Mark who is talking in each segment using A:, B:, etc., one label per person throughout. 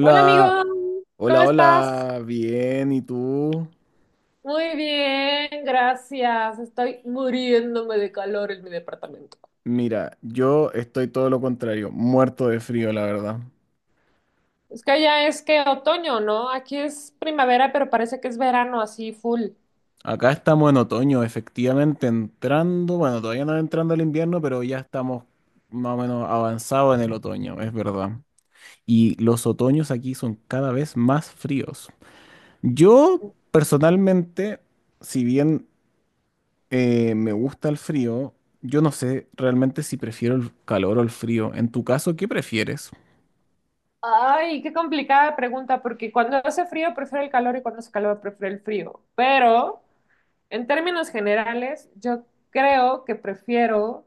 A: Hola amigo, ¿cómo
B: hola,
A: estás?
B: hola, bien, ¿y tú?
A: Muy bien, gracias. Estoy muriéndome de calor en mi departamento.
B: Mira, yo estoy todo lo contrario, muerto de frío, la verdad.
A: Es que allá es que otoño, ¿no? Aquí es primavera, pero parece que es verano así full.
B: Acá estamos en otoño, efectivamente entrando, bueno, todavía no entrando el invierno, pero ya estamos más o menos avanzados en el otoño, es verdad. Y los otoños aquí son cada vez más fríos. Yo, personalmente, si bien me gusta el frío, yo no sé realmente si prefiero el calor o el frío. En tu caso, ¿qué prefieres?
A: Ay, qué complicada pregunta, porque cuando hace frío prefiero el calor y cuando hace calor prefiero el frío. Pero en términos generales, yo creo que prefiero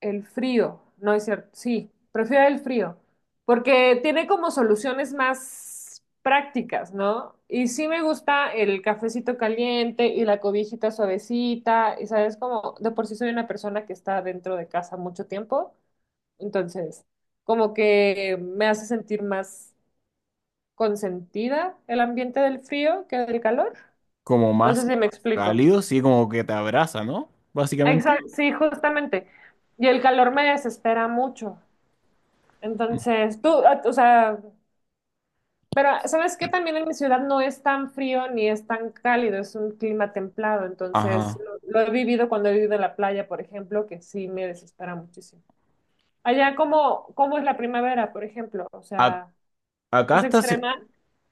A: el frío, no es cierto. Sí, prefiero el frío, porque tiene como soluciones más prácticas, ¿no? Y sí me gusta el cafecito caliente y la cobijita suavecita, y sabes, como de por sí soy una persona que está dentro de casa mucho tiempo, entonces como que me hace sentir más consentida el ambiente del frío que del calor.
B: Como
A: No sé
B: más
A: si me explico.
B: cálido, sí, como que te abraza, ¿no? Básicamente.
A: Exacto, sí, justamente. Y el calor me desespera mucho. Entonces, tú, ah, o sea, pero ¿sabes qué? También en mi ciudad no es tan frío ni es tan cálido, es un clima templado. Entonces,
B: Ajá.
A: lo he vivido cuando he vivido en la playa, por ejemplo, que sí me desespera muchísimo. Allá, ¿cómo es la primavera, por ejemplo? O
B: A-
A: sea,
B: acá
A: ¿es
B: está.
A: extrema?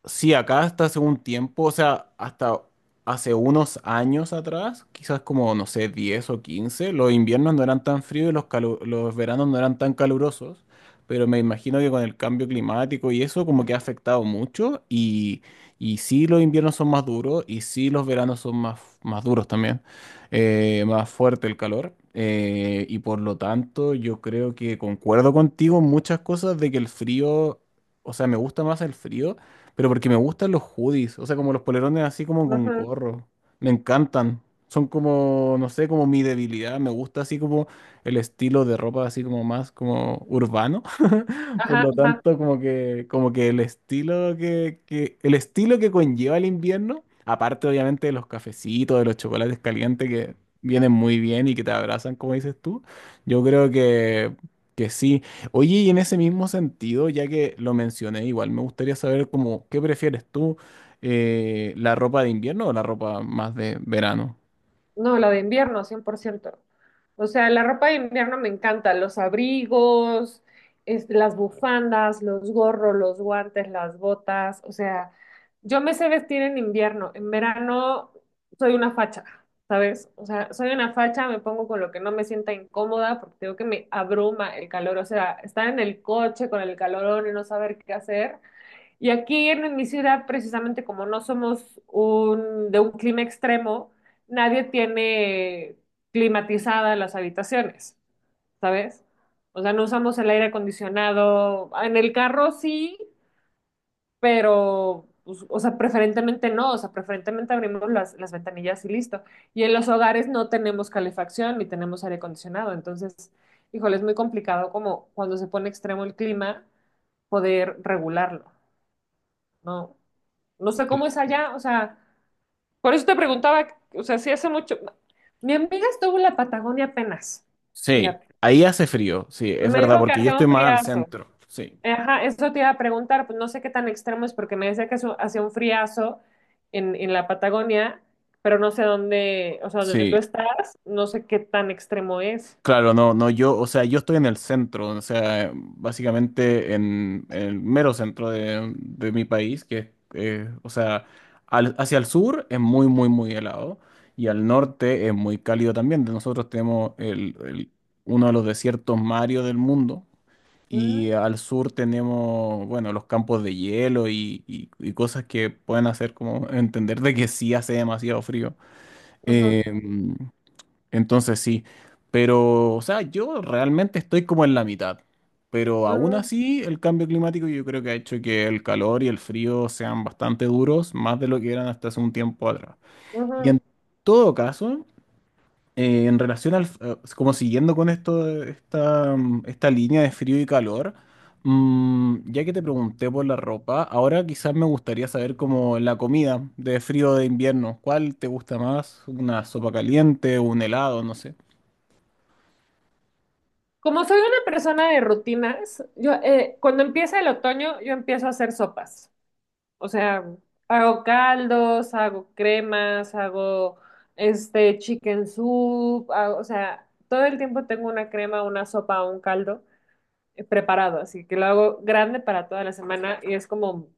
B: Sí, acá hasta hace un tiempo, o sea, hasta hace unos años atrás, quizás como, no sé, 10 o 15, los inviernos no eran tan fríos y los veranos no eran tan calurosos, pero me imagino que con el cambio climático y eso como que ha afectado mucho y sí los inviernos son más duros y sí los veranos son más, más duros también, más fuerte el calor. Y por lo tanto, yo creo que concuerdo contigo en muchas cosas de que el frío, o sea, me gusta más el frío, pero porque me gustan los hoodies, o sea, como los polerones así como con
A: Ajá,
B: gorro. Me encantan. Son como, no sé, como mi debilidad. Me gusta así como el estilo de ropa así como más como urbano. Por
A: ajá,
B: lo
A: ajá.
B: tanto, como que el estilo el estilo que conlleva el invierno, aparte obviamente de los cafecitos, de los chocolates calientes que vienen muy bien y que te abrazan, como dices tú, yo creo que sí. Oye, y en ese mismo sentido, ya que lo mencioné, igual me gustaría saber como, ¿qué prefieres tú? ¿La ropa de invierno o la ropa más de verano?
A: No, la de invierno, 100%. O sea, la ropa de invierno me encanta, los abrigos, este, las bufandas, los gorros, los guantes, las botas. O sea, yo me sé vestir en invierno, en verano soy una facha, ¿sabes? O sea, soy una facha, me pongo con lo que no me sienta incómoda porque tengo que me abruma el calor. O sea, estar en el coche con el calorón y no saber qué hacer, y aquí en mi ciudad, precisamente como no somos un, de un clima extremo, nadie tiene climatizadas las habitaciones, ¿sabes? O sea, no usamos el aire acondicionado. En el carro sí, pero, pues, o sea, preferentemente no, o sea, preferentemente abrimos las ventanillas y listo. Y en los hogares no tenemos calefacción ni tenemos aire acondicionado. Entonces, híjole, es muy complicado como cuando se pone extremo el clima, poder regularlo. No, no sé cómo es allá, o sea, por eso te preguntaba, o sea, si hace mucho. Mi amiga estuvo en la Patagonia apenas,
B: Sí,
A: fíjate.
B: ahí hace frío, sí, es
A: Me
B: verdad,
A: dijo que
B: porque yo
A: hacía
B: estoy
A: un
B: más al
A: friazo.
B: centro, sí,
A: Ajá, eso te iba a preguntar, pues no sé qué tan extremo es, porque me decía que hacía un friazo en la Patagonia, pero no sé dónde, o sea, donde tú
B: sí.
A: estás, no sé qué tan extremo es.
B: Claro, no, no, yo, o sea, yo estoy en el centro, o sea, básicamente en el mero centro de mi país, que o sea, hacia el sur es muy helado y al norte es muy cálido también. De nosotros tenemos uno de los desiertos más áridos del mundo
A: Mm,
B: y al sur tenemos, bueno, los campos de hielo y cosas que pueden hacer como entender de que sí hace demasiado frío.
A: ujú,
B: Em, entonces sí, pero o sea, yo realmente estoy como en la mitad, pero aún
A: mm,
B: así el cambio climático yo creo que ha hecho que el calor y el frío sean bastante duros, más de lo que eran hasta hace un tiempo atrás. Y
A: ujú.
B: en todo caso, en relación al, como siguiendo con esto, de esta línea de frío y calor, ya que te pregunté por la ropa, ahora quizás me gustaría saber como la comida de frío de invierno, ¿cuál te gusta más? ¿Una sopa caliente, un helado, no sé?
A: Como soy una persona de rutinas, yo cuando empieza el otoño, yo empiezo a hacer sopas. O sea, hago caldos, hago cremas, hago este chicken soup, o sea, todo el tiempo tengo una crema, una sopa o un caldo preparado, así que lo hago grande para toda la semana y es como,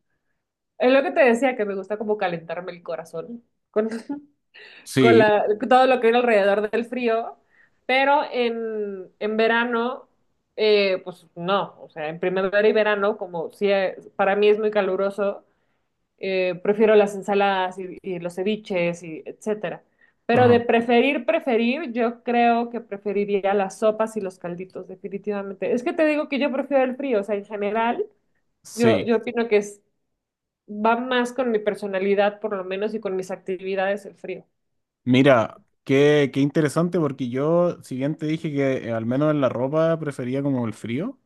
A: es lo que te decía, que me gusta como calentarme el corazón con, con
B: Sí,
A: la, todo lo que viene alrededor del frío, pero en verano, pues no, o sea, en primavera y verano, como si para mí es muy caluroso prefiero las ensaladas y los ceviches y etcétera. Pero de
B: ajá,
A: preferir, preferir, yo creo que preferiría las sopas y los calditos, definitivamente. Es que te digo que yo prefiero el frío, o sea, en general, yo,
B: sí.
A: yo opino que es, va más con mi personalidad, por lo menos, y con mis actividades el frío.
B: Mira, qué, qué interesante porque yo, si bien te dije que al menos en la ropa prefería como el frío,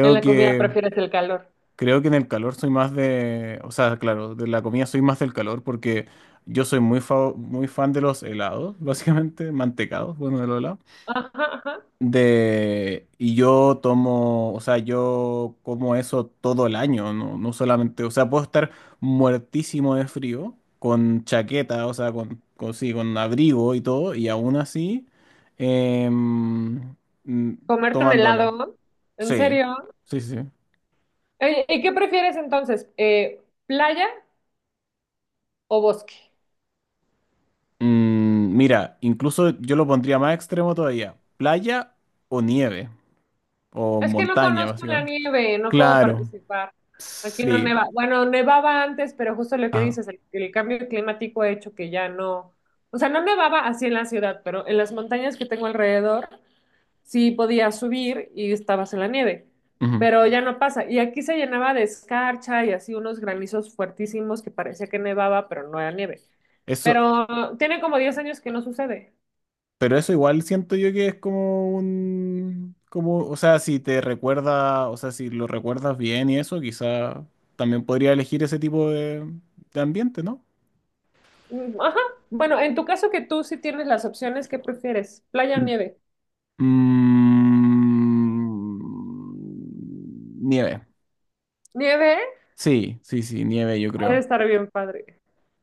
A: En la comida
B: que,
A: prefieres el calor.
B: creo que en el calor soy más de, o sea, claro, de la comida soy más del calor porque yo soy muy, muy fan de los helados, básicamente, mantecados, bueno, de los helados.
A: Ajá, ajá.
B: De, y yo tomo, o sea, yo como eso todo el año, no, no solamente, o sea, puedo estar muertísimo de frío, con chaqueta, o sea, sí, con abrigo y todo, y aún así, em, mm,
A: Comerte un
B: tomándola.
A: helado, ¿en
B: Sí,
A: serio?
B: sí, sí.
A: Oye, ¿y qué prefieres entonces? ¿Playa o bosque?
B: Mm, mira, incluso yo lo pondría más extremo todavía, playa o nieve, o
A: Es que no
B: montaña,
A: conozco la
B: básicamente.
A: nieve, no puedo
B: Claro,
A: participar. Aquí no
B: sí,
A: neva. Bueno, nevaba antes, pero justo lo que
B: ajá.
A: dices, el cambio climático ha hecho que ya no. O sea, no nevaba así en la ciudad, pero en las montañas que tengo alrededor sí podías subir y estabas en la nieve.
B: Ujú.
A: Pero ya no pasa. Y aquí se llenaba de escarcha y así unos granizos fuertísimos que parecía que nevaba, pero no era nieve.
B: Eso,
A: Pero tiene como 10 años que no sucede.
B: pero eso igual siento yo que es como un, como, o sea, si te recuerda, o sea, si lo recuerdas bien y eso, quizá también podría elegir ese tipo de ambiente, ¿no?
A: Mm. Ajá. Bueno, en tu caso que tú sí tienes las opciones, ¿qué prefieres? ¿Playa o
B: Mm,
A: nieve?
B: mm, nieve.
A: ¿Nieve?
B: Sí, sí, sí, nieve, yo
A: Ha de
B: creo.
A: estar bien padre.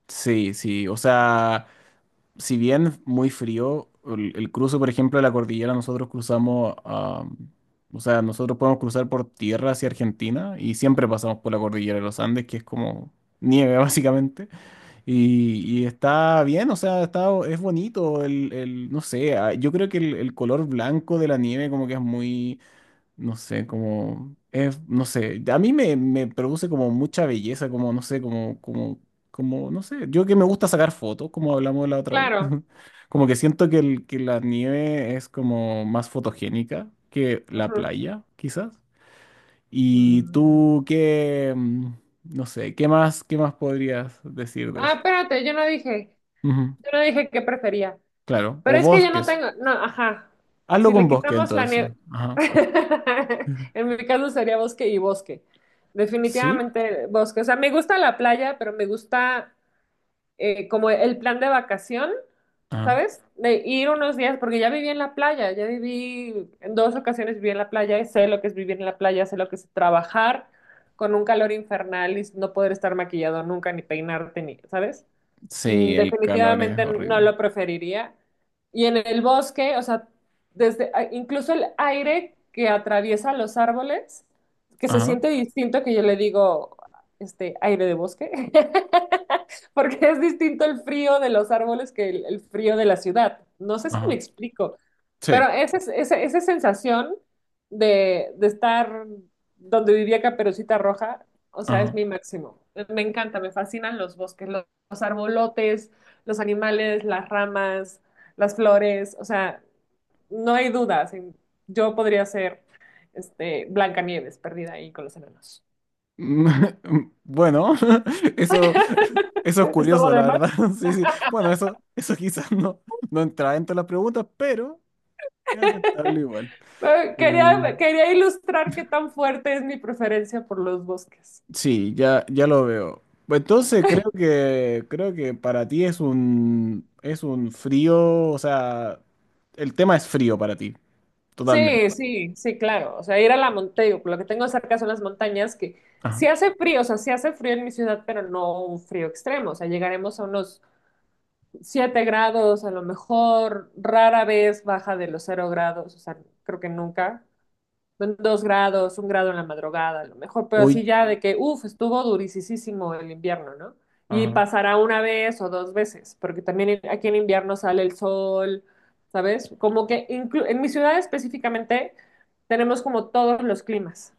B: Sí, sí, o sea, si bien muy frío, el cruce, por ejemplo, de la cordillera, nosotros cruzamos, ah, o sea, nosotros podemos cruzar por tierra hacia Argentina y siempre pasamos por la cordillera de los Andes, que es como nieve, básicamente, y está bien, o sea, está, es bonito, no sé, ah, yo creo que el color blanco de la nieve como que es muy, no sé, como, es, no sé, a mí me produce como mucha belleza, como, no sé, como, como, como, no sé, yo que me gusta sacar fotos, como hablamos la otra vez,
A: Claro.
B: como que siento que la nieve es como más fotogénica que la
A: Ajá.
B: playa, quizás. Y
A: Mm.
B: tú, ¿qué, mm, no sé, qué más podrías decir de
A: Ah,
B: eso?
A: espérate,
B: Ujú,
A: yo no dije qué prefería.
B: claro,
A: Pero
B: o
A: es que yo no
B: bosques,
A: tengo, no, ajá.
B: hazlo
A: Si
B: con
A: le
B: bosque
A: quitamos la
B: entonces,
A: nieve,
B: ajá,
A: en mi caso sería bosque y bosque.
B: ¿sí?
A: Definitivamente bosque. O sea, me gusta la playa, pero me gusta como el plan de vacación.
B: Ajá.
A: ¿Sabes? De ir unos días, porque ya viví en la playa, ya viví, en dos ocasiones viví en la playa, y sé lo que es vivir en la playa, sé lo que es trabajar con un calor infernal y no poder estar maquillado nunca, ni peinarte, ni, ¿sabes? Mm.
B: Sí, el calor es
A: Definitivamente no
B: horrible.
A: lo preferiría. Y en el bosque, o sea, desde incluso el aire que atraviesa los árboles, que se
B: Ajá.
A: siente distinto que yo le digo, este, aire de bosque, porque es distinto el frío de los árboles que el frío de la ciudad. No sé si me
B: Ajá.
A: explico.
B: Sí.
A: Pero esa, esa, esa sensación de estar donde vivía Caperucita Roja, o sea, es
B: Ajá.
A: mi máximo. Me encanta, me fascinan los bosques, los arbolotes, los animales, las ramas, las flores, o sea, no hay dudas. Yo podría ser este, Blancanieves perdida ahí con los enanos.
B: Bueno, eso, eso es
A: Esto
B: curioso, la
A: demás.
B: verdad. Sí, sí. Bueno, eso quizás no, no entra dentro de las preguntas, pero es aceptable igual.
A: Eh,
B: Eh,
A: Quería, quería ilustrar qué tan fuerte es mi preferencia por los bosques.
B: sí, ya, ya lo veo. Entonces creo que para ti es un frío, o sea, el tema es frío para ti, totalmente.
A: Sí, sí, sí, claro. O sea, ir a la montaña, lo que tengo cerca son las montañas que
B: Ajá.
A: sí hace frío, o sea, sí hace frío en mi ciudad, pero no un frío extremo. O sea, llegaremos a unos 7 grados, a lo mejor rara vez baja de los 0 grados, o sea, creo que nunca. Son 2 grados, 1 grado en la madrugada, a lo mejor, pero
B: Uy.
A: sí ya de que, uff, estuvo durisísimo el invierno, ¿no? Y
B: Ajá.
A: pasará una vez o dos veces, porque también aquí en invierno sale el sol, ¿sabes? Como que en mi ciudad específicamente tenemos como todos los climas.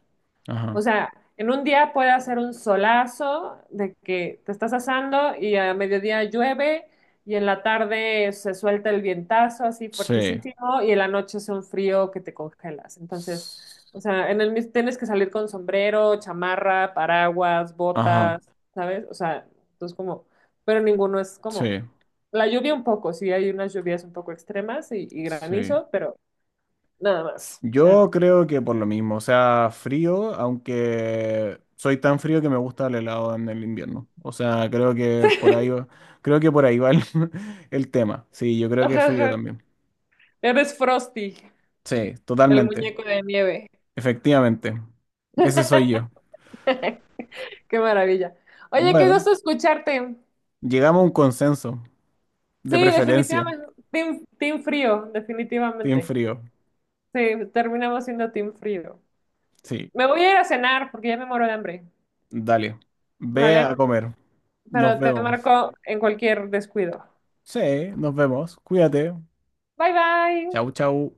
A: O
B: Ajá.
A: sea, en un día puede hacer un solazo de que te estás asando y a mediodía llueve y en la tarde se suelta el vientazo así
B: Sí.
A: fuertísimo y en la noche hace un frío que te congelas. Entonces, o
B: S-,
A: sea, en tienes que salir con sombrero, chamarra, paraguas,
B: ajá.
A: botas, ¿sabes? O sea, entonces como, pero ninguno es como
B: Sí.
A: la lluvia un poco, sí hay unas lluvias un poco extremas y
B: Sí.
A: granizo, pero nada más. O sea,
B: Yo creo que por lo mismo, o sea, frío, aunque soy tan frío que me gusta el helado en el invierno. O sea, creo que por ahí va, creo que por ahí va el, el tema. Sí, yo creo que es
A: ajá,
B: frío
A: ajá,
B: también.
A: eres Frosty.
B: Sí,
A: El
B: totalmente.
A: muñeco de nieve.
B: Efectivamente. Ese soy yo.
A: Qué maravilla. Oye, qué
B: Bueno,
A: gusto escucharte.
B: llegamos a un consenso,
A: Sí,
B: de preferencia,
A: definitivamente. Team frío,
B: team
A: definitivamente.
B: frío.
A: Sí, terminamos siendo team frío.
B: Sí,
A: Me voy a ir a cenar porque ya me muero de hambre.
B: dale. Ve
A: ¿Vale?
B: a comer. Nos
A: Pero te
B: vemos.
A: marco en cualquier descuido.
B: Sí, nos vemos. Cuídate.
A: Bye bye.
B: Chau, chau.